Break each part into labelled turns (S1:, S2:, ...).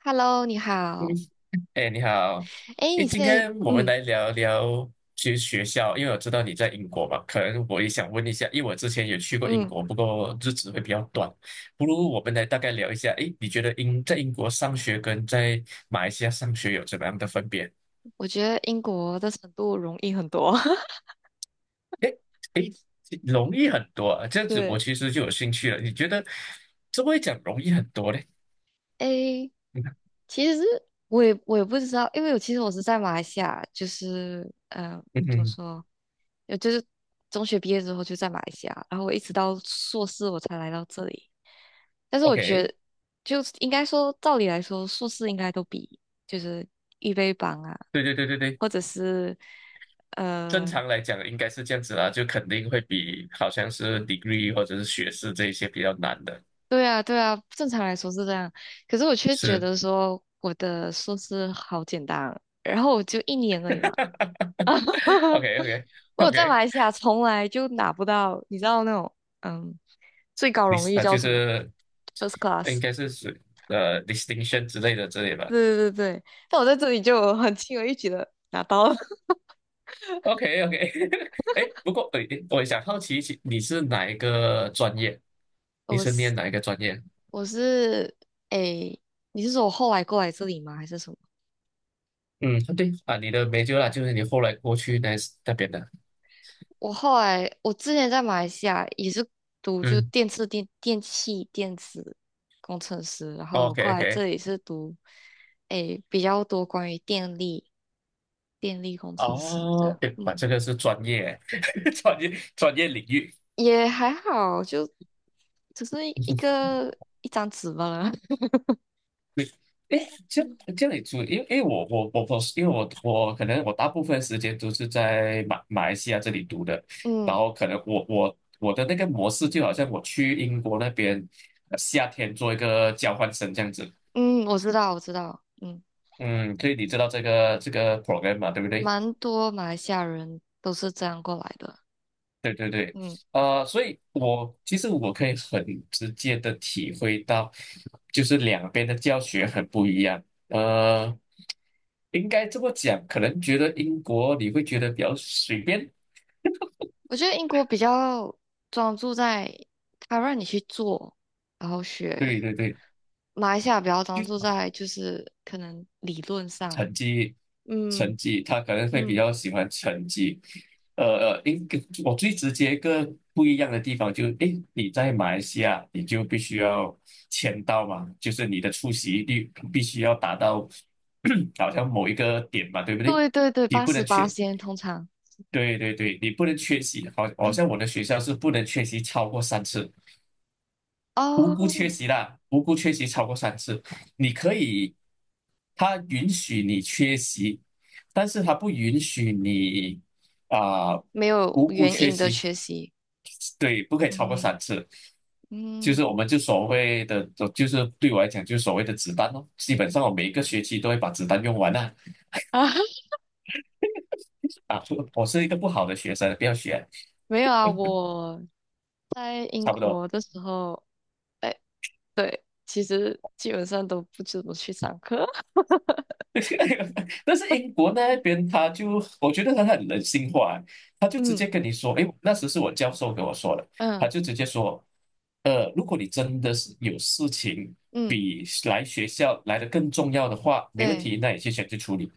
S1: Hello，你
S2: 嗯，
S1: 好。
S2: 哎，你好，
S1: 哎，
S2: 哎，
S1: 你现
S2: 今
S1: 在，
S2: 天我们来聊聊去学校，因为我知道你在英国嘛，可能我也想问一下，因为我之前也去过英
S1: 嗯，
S2: 国，不过日子会比较短，不如我们来大概聊一下，哎，你觉得在英国上学跟在马来西亚上学有怎么样的分别？
S1: 我觉得英国的程度容易很多。
S2: 哎哎，容易很多啊，这样子我
S1: 对，
S2: 其实就有兴趣了，你觉得怎么会讲容易很多呢？
S1: 哎，
S2: 嗯
S1: 其实我也不知道，因为我其实我是在马来西亚，就是嗯、呃
S2: 嗯
S1: 怎么
S2: 哼
S1: 说，就是中学毕业之后就在马来西亚，然后我一直到硕士我才来到这里。但是我觉
S2: ，OK，
S1: 得，就是应该说，照理来说，硕士应该都比就是预备班啊，
S2: 对对对对对。
S1: 或者是。呃
S2: 正常来讲应该是这样子啦，就肯定会比好像是 degree 或者是学士这一些比较难的，
S1: 对啊，对啊，正常来说是这样，可是我却觉
S2: 是
S1: 得说我的硕士好简单，然后我就一年而已嘛。
S2: OK OK
S1: 我
S2: OK，
S1: 在马来西亚从来就拿不到，你知道那种嗯最高
S2: 你
S1: 荣 誉
S2: 啊
S1: 叫
S2: 就
S1: 什么
S2: 是
S1: ？First
S2: 应
S1: class。
S2: 该是属呃 distinction 之类吧。
S1: 对对对对，但我在这里就很轻而易举的拿到了。
S2: OK OK，哎，不过诶我想好奇一下，你是哪一个专业？你
S1: 我
S2: 是
S1: 是
S2: 念哪一个专业？
S1: 我是诶，你是说我后来过来这里吗？还是什么？
S2: 嗯，对啊，你的 major 啦，就是你后来过去那边的。
S1: 我后来我之前在马来西亚也是读就
S2: 嗯
S1: 电次电电器电子工程师，然后我
S2: ，OK
S1: 过来这
S2: OK。
S1: 里是读比较多关于电力工程师这
S2: 哦，
S1: 样，
S2: 哎，哇，
S1: 嗯，
S2: 这个是专业，专业领域。
S1: 也还好，就只是一张纸罢了。
S2: 对，哎，这样 这样也注意，因为我，因为我可能我大部分时间都是在马来西亚这里读的，然
S1: 嗯
S2: 后可能我的那个模式就好像我去英国那边夏天做一个交换生这样子。
S1: 嗯，我知道我知道，嗯，
S2: 嗯，所以你知道这个 program 嘛，对不对？
S1: 蛮多马来西亚人都是这样过来的，
S2: 对对对，
S1: 嗯。
S2: 所以我其实可以很直接的体会到，就是两边的教学很不一样。呃，应该这么讲，可能觉得英国你会觉得比较随便，
S1: 我觉得英国比较专注在他让你去做，然后学。
S2: 对对对，
S1: 马来西亚比较专
S2: 就。
S1: 注在就是可能理论上，
S2: 成绩，
S1: 嗯
S2: 成绩，他可能会比
S1: 嗯，
S2: 较喜欢成绩。呃应该我最直接一个不一样的地方就是，诶，你在马来西亚，你就必须要签到嘛，就是你的出席率必须要达到 好像某一个点嘛，对不对？
S1: 对对对，
S2: 你
S1: 八
S2: 不
S1: 十
S2: 能
S1: 八
S2: 缺，
S1: 先通常
S2: 对对对，你不能缺席，好，好像我的学校是不能缺席超过三次。无
S1: 哦，
S2: 辜缺席啦，无辜缺席超过三次，你可以，他允许你缺席，但是他不允许你啊、
S1: 没有
S2: 无辜
S1: 原
S2: 缺
S1: 因的
S2: 席，
S1: 学习，
S2: 对，不可以超过
S1: 嗯
S2: 三次，就
S1: 嗯
S2: 是我们就所谓的，就是对我来讲就是所谓的子弹咯，基本上我每一个学期都会把子弹用完啦、
S1: 啊，
S2: 啊我是一个不好的学生，不要学，
S1: 没有啊，我在英
S2: 差不多。
S1: 国的时候，哎，其实基本上都不怎么去上课，
S2: 但是英 国那
S1: 嗯
S2: 边他就，我觉得他很人性化，他就直
S1: 嗯
S2: 接跟你说，诶，那时是我教授跟我说的，他
S1: 嗯
S2: 就直接说，如果你真的是有事情
S1: 嗯，
S2: 比来学校来的更重要的话，没问
S1: 对。
S2: 题，那你去选去处理。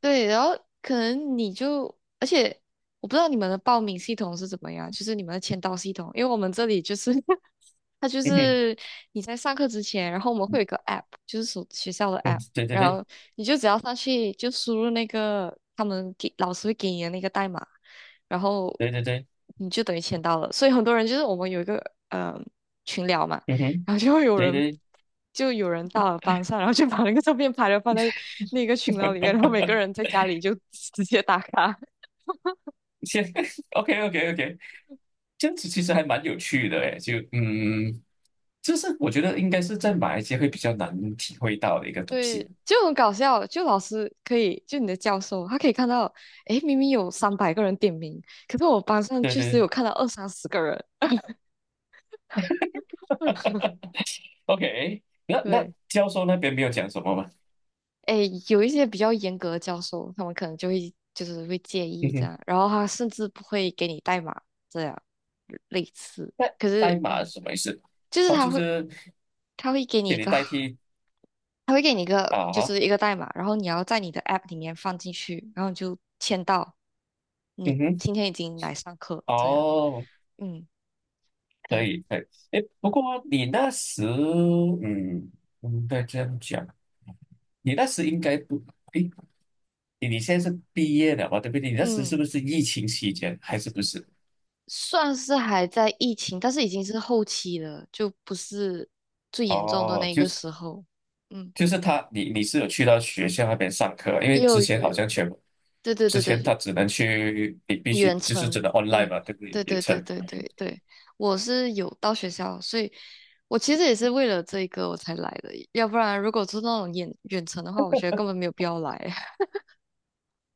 S1: 对，然后可能你就，而且我不知道你们的报名系统是怎么样，就是你们的签到系统，因为我们这里就是 它就
S2: 嗯哼，
S1: 是你在上课之前，然后我们会有一个 app，就是所学校的
S2: 嗯，
S1: app，
S2: 对对
S1: 然
S2: 对
S1: 后你就只要上去就输入那个他们给老师会给你的那个代码，然后
S2: 对对对，
S1: 你就等于签到了。所以很多人就是我们有一个呃群聊嘛，
S2: 嗯哼，
S1: 然后
S2: 对对，
S1: 就有人到了班上，然后就把那个照片拍了放在那个群聊里面，然后每个人 在家里就直接打卡，
S2: 先 OK OK OK，这样子其实还蛮有趣的诶，就是我觉得应该是在马来西亚会比较难体会到的一个东西。
S1: 对，就很搞笑。就老师可以，就你的教授，他可以看到，诶，明明有300个人点名，可是我班上
S2: 对
S1: 确实有
S2: 对
S1: 看到二三十个人。
S2: OK，那
S1: 对，
S2: 教授那边没有讲什么吗？
S1: 诶，有一些比较严格的教授，他们可能就会就是会介
S2: 嗯
S1: 意这
S2: 哼，
S1: 样，然后他甚至不会给你代码这样类似。
S2: 那
S1: 可
S2: 代
S1: 是，
S2: 码是
S1: 嗯，
S2: 什么意思？
S1: 就是
S2: 哦，
S1: 他
S2: 就
S1: 会
S2: 是
S1: 他会给你
S2: 给
S1: 一
S2: 你
S1: 个
S2: 代替啊
S1: 就
S2: 哈，
S1: 是一个代码，然后你要在你的 App 里面放进去，然后你就签到，你
S2: 嗯哼，
S1: 今天已经来上课，这样，
S2: 哦，
S1: 嗯，
S2: 可
S1: 对，
S2: 以可以。诶，不过你那时，嗯，不应该这样讲，你那时应该不，诶，你现在是毕业了嘛，对不对？你那时
S1: 嗯，
S2: 是不是疫情期间还是不是？
S1: 算是还在疫情，但是已经是后期了，就不是最严重的
S2: 哦，
S1: 那
S2: 就
S1: 个
S2: 是
S1: 时候，嗯，
S2: 就是他，你是有去到学校那边上课啊，因为
S1: 又
S2: 之前
S1: 有
S2: 好
S1: 有，
S2: 像全部，
S1: 对对
S2: 之
S1: 对
S2: 前
S1: 对，
S2: 他只能去，你必须
S1: 远
S2: 就是真
S1: 程，
S2: 的 online
S1: 嗯，
S2: 嘛，对不对？
S1: 对
S2: 远
S1: 对对
S2: 程，
S1: 对对对，我是有到学校，所以。我其实也是为了这个我才来的，要不然如果是那种远远程的话，我觉得根本没有必要来。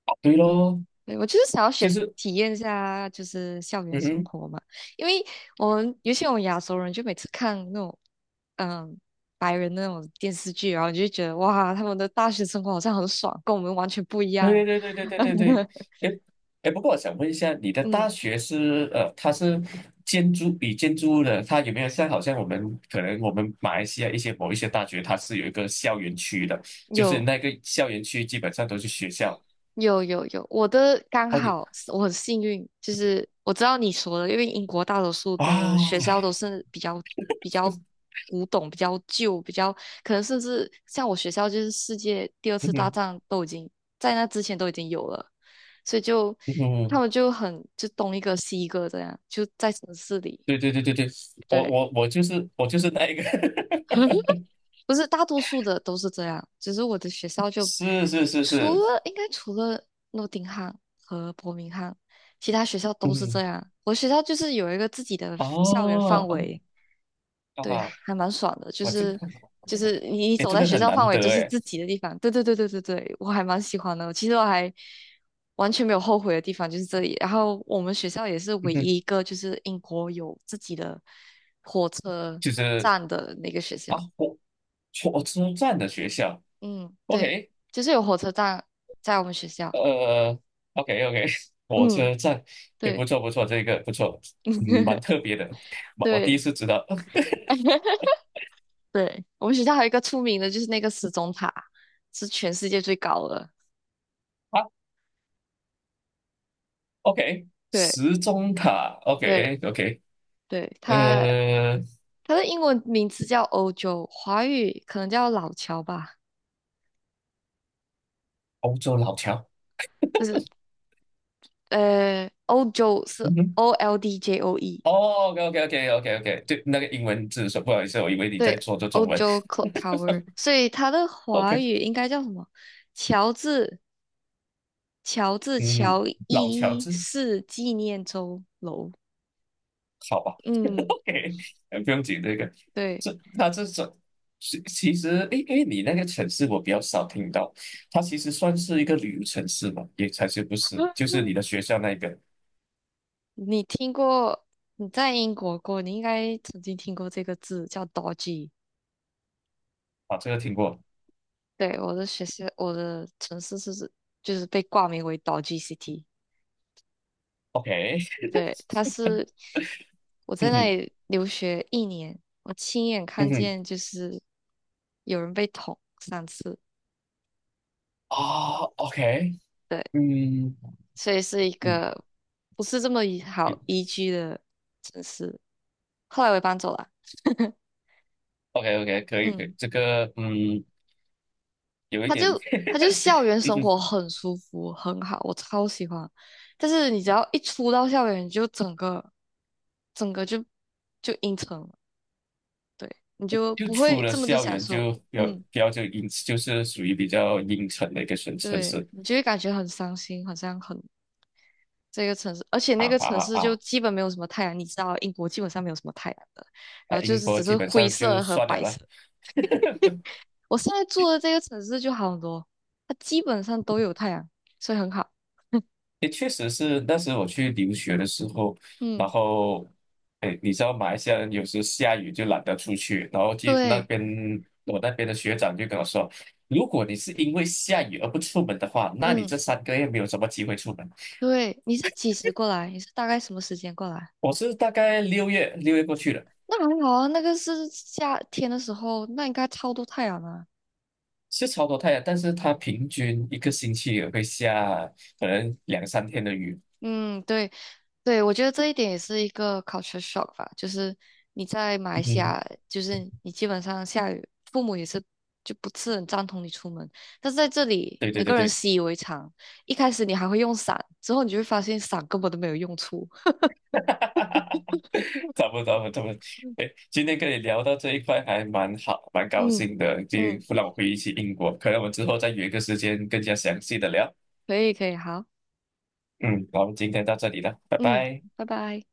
S2: 哦对咯，
S1: 对，我就是想要
S2: 就是，
S1: 体验一下，就是校园
S2: 嗯
S1: 生
S2: 哼，
S1: 活嘛，因为我们尤其我们亚洲人，就每次看那种嗯白人那种电视剧，然后你就觉得哇，他们的大学生活好像很爽，跟我们完全不一样。
S2: 对对对对对对对，哎哎，不过我想问一下，你的
S1: 嗯，
S2: 大学它是建筑以建筑物的，它有没有好像我们马来西亚某一些大学，它是有一个校园区的，就是
S1: 有
S2: 那个校园区基本上都是学校。
S1: 有有有，我的刚
S2: 哦，你
S1: 好是我很幸运，就是我知道你说的，因为英国大多数的学
S2: 啊，
S1: 校都是比较古董、比较旧、可能甚至像我学校就是世界第二
S2: 嗯
S1: 次大
S2: 哼
S1: 战都已经在那之前都已经有了，所以就
S2: 嗯
S1: 他
S2: 哼
S1: 们就东一个西一个这样，就在城市里，
S2: 对对对对对，我
S1: 对，
S2: 我我就是我就是那一个，
S1: 不是大多数的都是这样，只是我的学校就
S2: 是是是
S1: 除
S2: 是，
S1: 了应该除了诺丁汉和伯明翰，其他学校都是这
S2: 嗯，
S1: 样。我学校就是有一个自己的校园范
S2: 哦嗯
S1: 围，对，
S2: 啊，
S1: 还蛮爽的，就
S2: 我这个，
S1: 是就是你
S2: 哎，
S1: 走
S2: 这
S1: 在
S2: 个
S1: 学
S2: 很
S1: 校范
S2: 难
S1: 围就
S2: 得
S1: 是
S2: 哎，
S1: 自己的地方，对对对对对对，我还蛮喜欢的。其实我还完全没有后悔的地方就是这里。然后我们学校也是
S2: 嗯
S1: 唯
S2: 哼，
S1: 一一个就是英国有自己的火车
S2: 就是
S1: 站的那个学
S2: 啊，
S1: 校。
S2: 火车站的学校
S1: 嗯，对，
S2: ，OK，
S1: 就是有火车站在我们学校。
S2: 呃，OK OK，火
S1: 嗯，
S2: 车站也
S1: 对
S2: 不错不错，这个不错，嗯，蛮特 别的，我第一
S1: 对
S2: 次知道
S1: 对，我们学校还有一个出名的，就是那个时钟塔，是全世界最高的。
S2: 啊，OK，
S1: 对
S2: 时钟塔
S1: 对
S2: ，OK OK，
S1: 对，它
S2: 呃，
S1: 它的英文名字叫欧洲，华语可能叫老桥吧，
S2: 欧洲老桥。
S1: 不是，呃，欧洲是
S2: 嗯哼。
S1: OLDJOE，
S2: 哦，OK，OK，OK，OK，OK，对，那个英文字说不好意思，我以为你
S1: 对，
S2: 在说这
S1: 欧
S2: 中文。
S1: 洲 Clock Tower，所以它的华
S2: OK，
S1: 语应该叫什么？乔治乔治
S2: 嗯，
S1: 乔
S2: 老乔
S1: 伊
S2: 治，
S1: 市纪念周楼。
S2: 好吧
S1: 嗯，
S2: ，OK，哎不用紧这个，
S1: 对，
S2: 这种其实，诶，因为你那个城市我比较少听到，它其实算是一个旅游城市嘛，也才是不是，就是你的学校那一个
S1: 你听过？你在英国过，你应该曾经听过这个字叫 Dodgy。
S2: 啊，这个听过
S1: 对，我的学校，我的城市是就是被挂名为 Dodgy City。
S2: ，OK，
S1: 对，它是我在
S2: 嗯
S1: 那
S2: 哼，
S1: 里留学一年，我亲眼
S2: 嗯
S1: 看
S2: 哼，
S1: 见就是有人被捅三次，
S2: 啊，OK，
S1: 对，
S2: 嗯
S1: 所以是一
S2: 嗯
S1: 个不是这么宜
S2: 嗯
S1: 好宜居的城市。后来我也搬走了。
S2: ，OK，OK，可以，可
S1: 嗯，
S2: 以，这个，嗯。有一
S1: 他就
S2: 点，
S1: 他就校园 生活
S2: 嗯，
S1: 很舒服，很好，我超喜欢。但是你只要一出到校园，你就整个整个就阴沉了，对，你就
S2: 就
S1: 不
S2: 出
S1: 会
S2: 了
S1: 这么的
S2: 校
S1: 享
S2: 园
S1: 受。
S2: 就比较
S1: 嗯，
S2: 比较就阴，就是属于比较阴沉的一个城城
S1: 对，
S2: 市
S1: 你就会感觉很伤心，好像很这个城市，而且
S2: 啊
S1: 那个
S2: 啊
S1: 城
S2: 啊
S1: 市就
S2: 啊！
S1: 基本没有什么太阳，你知道英国基本上没有什么太阳的，然
S2: 啊
S1: 后就
S2: 英
S1: 是
S2: 国
S1: 只
S2: 基
S1: 是
S2: 本
S1: 灰
S2: 上就
S1: 色和
S2: 算了
S1: 白
S2: 啦。
S1: 色。我现在住的这个城市就好很多，它基本上都有太阳，所以很好。
S2: 也确实是那时我去留学的时候，然
S1: 嗯，
S2: 后，哎，你知道马来西亚人有时下雨就懒得出去，然后就那
S1: 对，
S2: 边我那边的学长就跟我说，如果你是因为下雨而不出门的话，那你
S1: 嗯，
S2: 这3个月没有什么机会出门。
S1: 对，你是几时过来？你是大概什么时间过来？
S2: 我是大概六月过去的。
S1: 那还好啊，那个是夏天的时候，那应该超多太阳啊。
S2: 是超多太阳，但是它平均一个星期也会下可能两三天的雨。
S1: 嗯，对，对，我觉得这一点也是一个 culture shock 吧，就是你在马来西
S2: 嗯，
S1: 亚，就是你基本上下雨，父母也是就不是很赞同你出门，但是在这 里，
S2: 对对
S1: 每个
S2: 对
S1: 人
S2: 对，
S1: 习以为常，一开始你还会用伞，之后你就会发现伞根本都没有用处。
S2: 哈哈哈！差不多差不多。哎，今天跟你聊到这一块还蛮好，蛮高
S1: 嗯
S2: 兴的，就
S1: 嗯，
S2: 让我回忆起英国。可能我们之后再约一个时间更加详细的聊。
S1: 可以可以，好，
S2: 嗯，好，今天到这里了，拜
S1: 嗯，
S2: 拜。
S1: 拜拜。